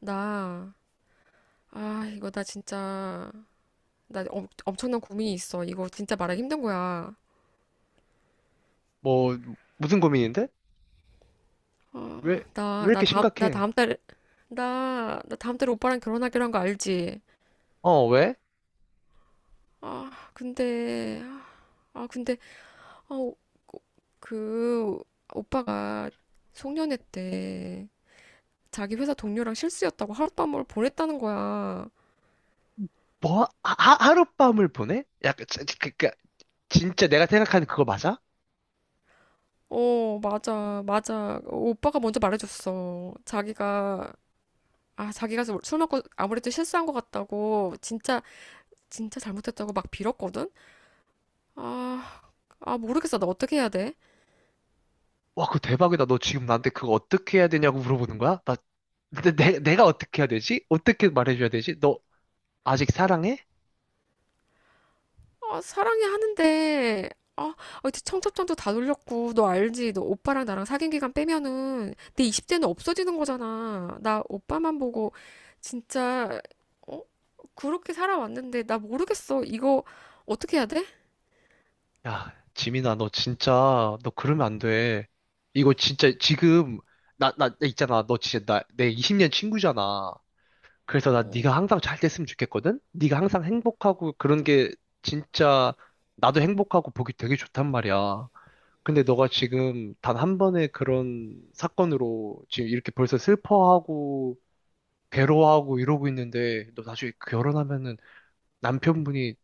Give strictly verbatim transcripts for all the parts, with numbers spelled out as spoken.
나, 아, 이거 나 진짜, 나 엄, 엄청난 고민이 있어. 이거 진짜 말하기 힘든 거야. 뭐, 무슨 고민인데? 어, 왜, 왜 나, 나 이렇게 다음, 나 심각해? 다음 달에, 나, 나 다음 달에 오빠랑 결혼하기로 한 거 알지? 어, 왜? 아, 근데, 아, 근데, 어, 그, 오빠가 송년회 때 자기 회사 동료랑 실수였다고 하룻밤을 보냈다는 거야. 뭐, 하, 하- 하룻밤을 보내? 약간, 진- 그, 그, 그니까 진짜 내가 생각하는 그거 맞아? 어, 맞아, 맞아. 어, 오빠가 먼저 말해줬어. 자기가 아, 자기가 술 먹고 아무래도 실수한 것 같다고 진짜 진짜 잘못했다고 막 빌었거든? 아, 아 모르겠어. 나 어떻게 해야 돼? 와, 그거 대박이다. 너 지금 나한테 그거 어떻게 해야 되냐고 물어보는 거야? 나, 내, 내- 내가 어떻게 해야 되지? 어떻게 말해줘야 되지? 너 아직 사랑해? 아, 사랑해 하는데 아, 아, 이제 청첩장도 다 돌렸고 너 알지? 너 오빠랑 나랑 사귄 기간 빼면은 내 이십 대는 없어지는 거잖아. 나 오빠만 보고 진짜 어? 그렇게 살아왔는데 나 모르겠어. 이거 어떻게 해야 돼? 야, 지민아, 너 진짜, 너 그러면 안 돼. 이거 진짜 지금, 나, 나, 나 있잖아. 너 진짜 나, 내 이십 년 친구잖아. 그래서 나 어. 네가 항상 잘 됐으면 좋겠거든? 네가 항상 행복하고 그런 게 진짜 나도 행복하고 보기 되게 좋단 말이야. 근데 너가 지금 단 한 번의 그런 사건으로 지금 이렇게 벌써 슬퍼하고 괴로워하고 이러고 있는데 너 나중에 결혼하면은 남편분이,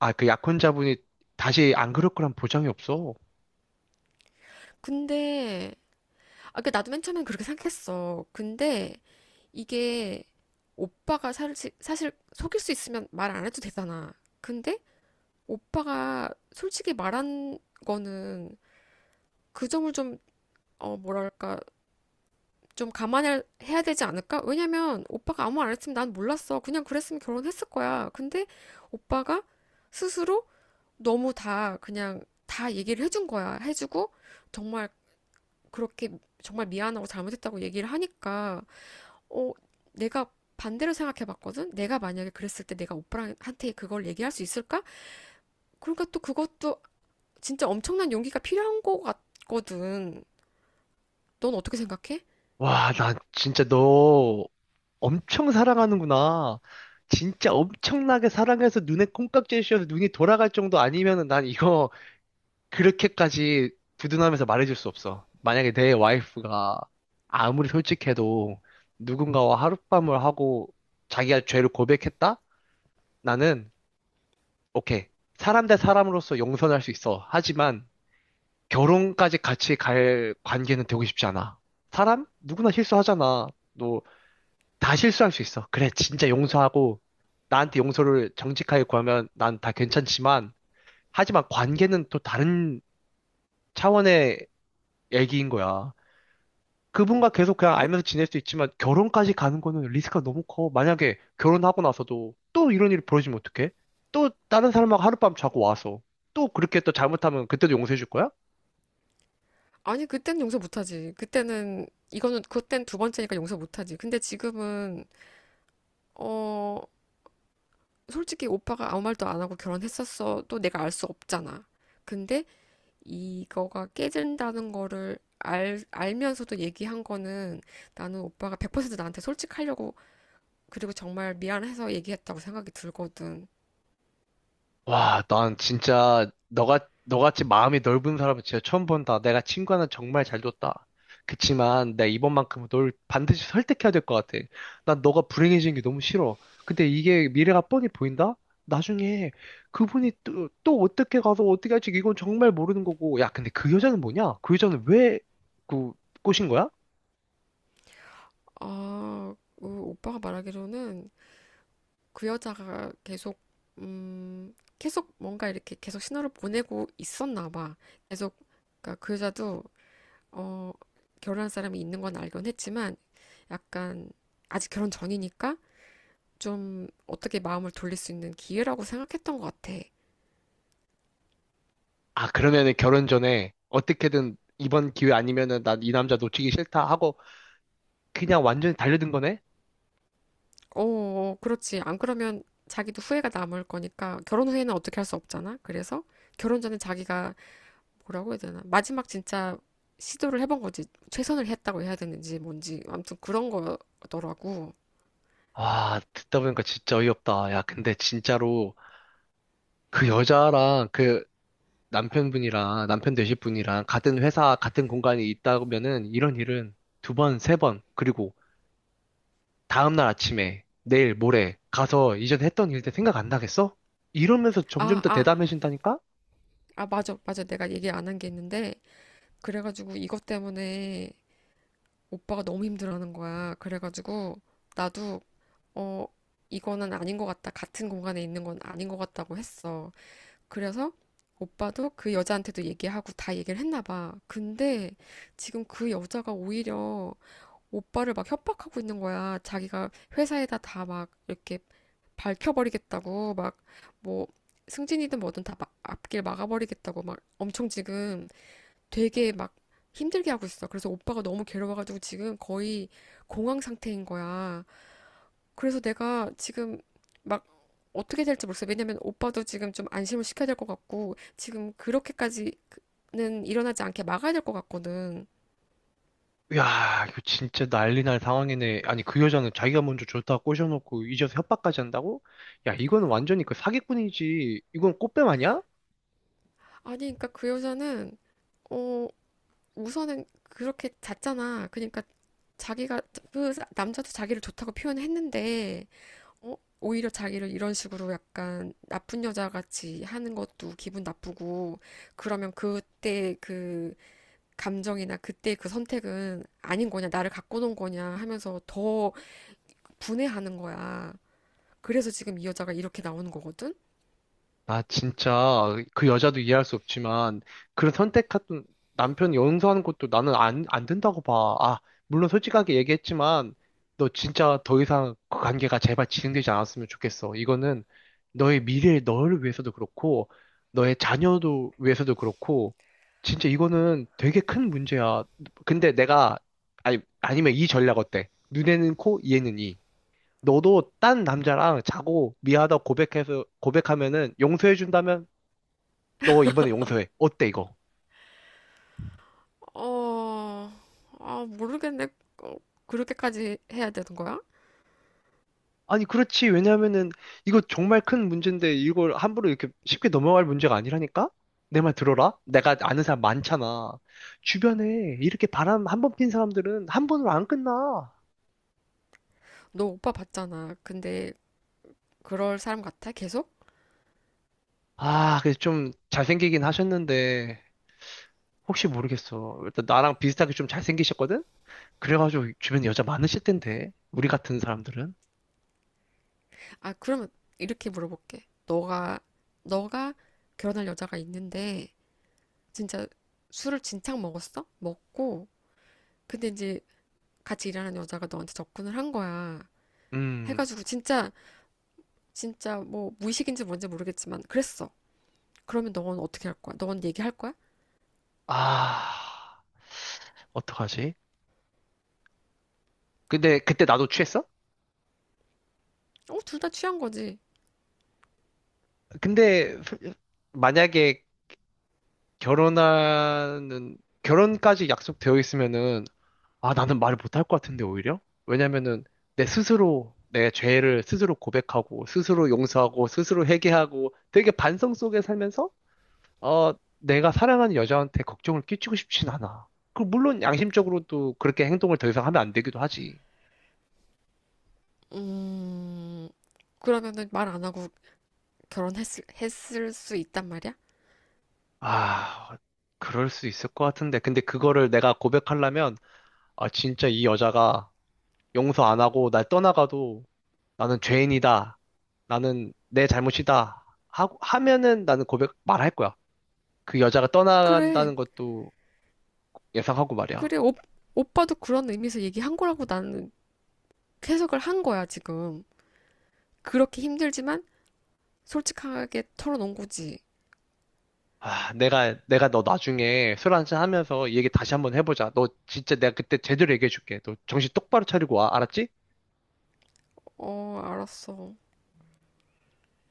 아, 그 약혼자분이 다시 안 그럴 거란 보장이 없어. 근데 아, 그 나도 맨 처음엔 그렇게 생각했어. 근데 이게 오빠가 사실, 사실 속일 수 있으면 말 안 해도 되잖아. 근데 오빠가 솔직히 말한 거는 그 점을 좀, 어, 뭐랄까, 좀 감안해야 해야 되지 않을까? 왜냐면 오빠가 아무 말 안 했으면 난 몰랐어. 그냥 그랬으면 결혼했을 거야. 근데 오빠가 스스로 너무 다 그냥 다 얘기를 해준 거야. 해주고 정말 그렇게 정말 미안하고 잘못했다고 얘기를 하니까 어, 내가 반대로 생각해 봤거든? 내가 만약에 그랬을 때 내가 오빠한테 그걸 얘기할 수 있을까? 그러니까 또 그것도 진짜 엄청난 용기가 필요한 것 같거든. 넌 어떻게 생각해? 와, 나 진짜 너 엄청 사랑하는구나. 진짜 엄청나게 사랑해서 눈에 콩깍지를 씌워서 눈이 돌아갈 정도 아니면은 난 이거 그렇게까지 두둔하면서 말해줄 수 없어. 만약에 내 와이프가 아무리 솔직해도 누군가와 하룻밤을 하고 자기가 죄를 고백했다? 나는, 오케이. 사람 대 사람으로서 용서할 수 있어. 하지만 결혼까지 같이 갈 관계는 되고 싶지 않아. 사람? 누구나 실수하잖아. 너 다 실수할 수 있어. 그래, 진짜 용서하고, 나한테 용서를 정직하게 구하면 난 다 괜찮지만, 하지만 관계는 또 다른 차원의 얘기인 거야. 그분과 계속 그냥 그, 알면서 지낼 수 있지만, 결혼까지 가는 거는 리스크가 너무 커. 만약에 결혼하고 나서도 또 이런 일이 벌어지면 어떡해? 또 다른 사람하고 하룻밤 자고 와서, 또 그렇게 또 잘못하면 그때도 용서해 줄 거야? 아니, 그때는 용서 못하지. 그때는, 이거는, 그땐 두 번째니까 용서 못하지. 근데 지금은, 어, 솔직히 오빠가 아무 말도 안 하고 결혼했었어도 내가 알 수 없잖아. 근데 이거가 깨진다는 거를 알, 알면서도 얘기한 거는 나는 오빠가 백 퍼센트 나한테 솔직하려고 그리고 정말 미안해서 얘기했다고 생각이 들거든. 와, 난 진짜 너가 너같이 마음이 넓은 사람은 진짜 처음 본다. 내가 친구 하나 정말 잘 뒀다. 그치만 내가 이번만큼은 널 반드시 설득해야 될 것 같아. 난 너가 불행해지는 게 너무 싫어. 근데 이게 미래가 뻔히 보인다? 나중에 그분이 또, 또 어떻게 가서 어떻게 할지 이건 정말 모르는 거고. 야, 근데 그 여자는 뭐냐? 그 여자는 왜 그 꼬신 거야? 아, 그 오빠가 말하기로는 그 여자가 계속, 음, 계속 뭔가 이렇게 계속 신호를 보내고 있었나 봐. 계속, 그러니까 그 여자도, 어, 결혼한 사람이 있는 건 알긴 했지만, 약간, 아직 결혼 전이니까 좀 어떻게 마음을 돌릴 수 있는 기회라고 생각했던 것 같아. 아, 그러면은 결혼 전에 어떻게든 이번 기회 아니면은 난 이 남자 놓치기 싫다 하고 그냥 완전히 달려든 거네? 어, 어, 그렇지. 안 그러면 자기도 후회가 남을 거니까, 결혼 후에는 어떻게 할 수 없잖아. 그래서 결혼 전에 자기가 뭐라고 해야 되나? 마지막 진짜 시도를 해본 거지. 최선을 했다고 해야 되는지 뭔지. 아무튼 그런 거더라고. 아, 듣다 보니까 진짜 어이없다. 야, 근데 진짜로 그 여자랑 그 남편분이랑 남편 되실 분이랑 같은 회사, 같은 공간에 있다면은 이런 일은 두 번, 세 번, 그리고 다음날 아침에 내일, 모레 가서 이전 했던 일들 생각 안 나겠어? 이러면서 점점 아, 더 아, 대담해진다니까? 아, 맞아, 맞아. 내가 얘기 안 한 게 있는데. 그래가지고 이것 때문에 오빠가 너무 힘들어하는 거야. 그래가지고 나도, 어, 이거는 아닌 것 같다. 같은 공간에 있는 건 아닌 것 같다고 했어. 그래서 오빠도 그 여자한테도 얘기하고 다 얘기를 했나 봐. 근데 지금 그 여자가 오히려 오빠를 막 협박하고 있는 거야. 자기가 회사에다 다 막 이렇게 밝혀버리겠다고 막 뭐 승진이든 뭐든 다 막 앞길 막아버리겠다고 막 엄청 지금 되게 막 힘들게 하고 있어. 그래서 오빠가 너무 괴로워가지고 지금 거의 공황 상태인 거야. 그래서 내가 지금 막 어떻게 될지 모르겠어. 왜냐면 오빠도 지금 좀 안심을 시켜야 될 것 같고 지금 그렇게까지는 일어나지 않게 막아야 될 것 같거든. 야, 이거 진짜 난리 날 상황이네. 아니, 그 여자는 자기가 먼저 좋다고 꼬셔놓고 잊어서 협박까지 한다고? 야, 이거는 완전히 그 사기꾼이지. 이건 꽃뱀 아니야? 아니, 그러니까 그 여자는 어 우선은 그렇게 잤잖아. 그러니까 자기가 그 남자도 자기를 좋다고 표현했는데 어? 오히려 자기를 이런 식으로 약간 나쁜 여자 같이 하는 것도 기분 나쁘고 그러면 그때 그 감정이나 그때 그 선택은 아닌 거냐 나를 갖고 논 거냐 하면서 더 분해하는 거야. 그래서 지금 이 여자가 이렇게 나오는 거거든? 나 진짜 그 여자도 이해할 수 없지만 그런 선택했던 남편이 용서하는 것도 나는 안, 안 된다고 봐. 아, 물론 솔직하게 얘기했지만 너 진짜 더 이상 그 관계가 제발 진행되지 않았으면 좋겠어. 이거는 너의 미래, 너를 위해서도 그렇고 너의 자녀도 위해서도 그렇고 진짜 이거는 되게 큰 문제야. 근데 내가 아니, 아니면 이 전략 어때? 눈에는 코, 이에는 이. 너도 딴 남자랑 자고 미안하다고 고백해서 고백하면은 용서해 준다면 너 이번에 용서해. 어때 이거? 어, 아, 모르겠네. 어, 그렇게까지 해야 되는 거야? 아니 그렇지. 왜냐면은 이거 정말 큰 문제인데 이걸 함부로 이렇게 쉽게 넘어갈 문제가 아니라니까? 내 말 들어라. 내가 아는 사람 많잖아. 주변에 이렇게 바람 한 번 핀 사람들은 한 번으로 안 끝나. 너 오빠 봤잖아. 근데 그럴 사람 같아? 계속? 아, 그래서 좀 잘생기긴 하셨는데 혹시 모르겠어. 일단 나랑 비슷하게 좀 잘생기셨거든? 그래가지고 주변에 여자 많으실 텐데. 우리 같은 사람들은. 아, 그러면 이렇게 물어볼게. 너가, 너가 결혼할 여자가 있는데, 진짜 술을 진창 먹었어? 먹고, 근데 이제 같이 일하는 여자가 너한테 접근을 한 거야. 음. 해가지고 진짜, 진짜 뭐 무의식인지 뭔지 모르겠지만, 그랬어. 그러면 너는 어떻게 할 거야? 너는 얘기할 거야? 아, 어떡하지? 근데 그때 나도 취했어? 어, 둘 다 취한 거지. 근데 프- 만약에 결혼하는 결혼까지 약속되어 있으면은 아, 나는 말을 못할 것 같은데 오히려? 왜냐면은 내 스스로 내 죄를 스스로 고백하고 스스로 용서하고 스스로 회개하고 되게 반성 속에 살면서 어, 내가 사랑하는 여자한테 걱정을 끼치고 싶진 않아. 그 물론 양심적으로도 그렇게 행동을 더 이상 하면 안 되기도 하지. 음, 그러면은 말 안 하고 결혼했을, 했을 수 있단 말이야? 아, 그럴 수 있을 것 같은데. 근데 그거를 내가 고백하려면, 아, 진짜 이 여자가 용서 안 하고 날 떠나가도 나는 죄인이다. 나는 내 잘못이다. 하고, 하면은 나는 고백 말할 거야. 그 여자가 그래. 떠나간다는 것도 예상하고 말이야. 그래, 오, 오빠도 그런 의미에서 얘기한 거라고 나는 해석을 한 거야, 지금. 그렇게 힘들지만 솔직하게 털어놓은 거지. 아, 내가, 내가 너 나중에 술 한잔 하면서 이 얘기 다시 한번 해보자. 너 진짜 내가 그때 제대로 얘기해줄게. 너 정신 똑바로 차리고 와. 알았지? 어, 알았어.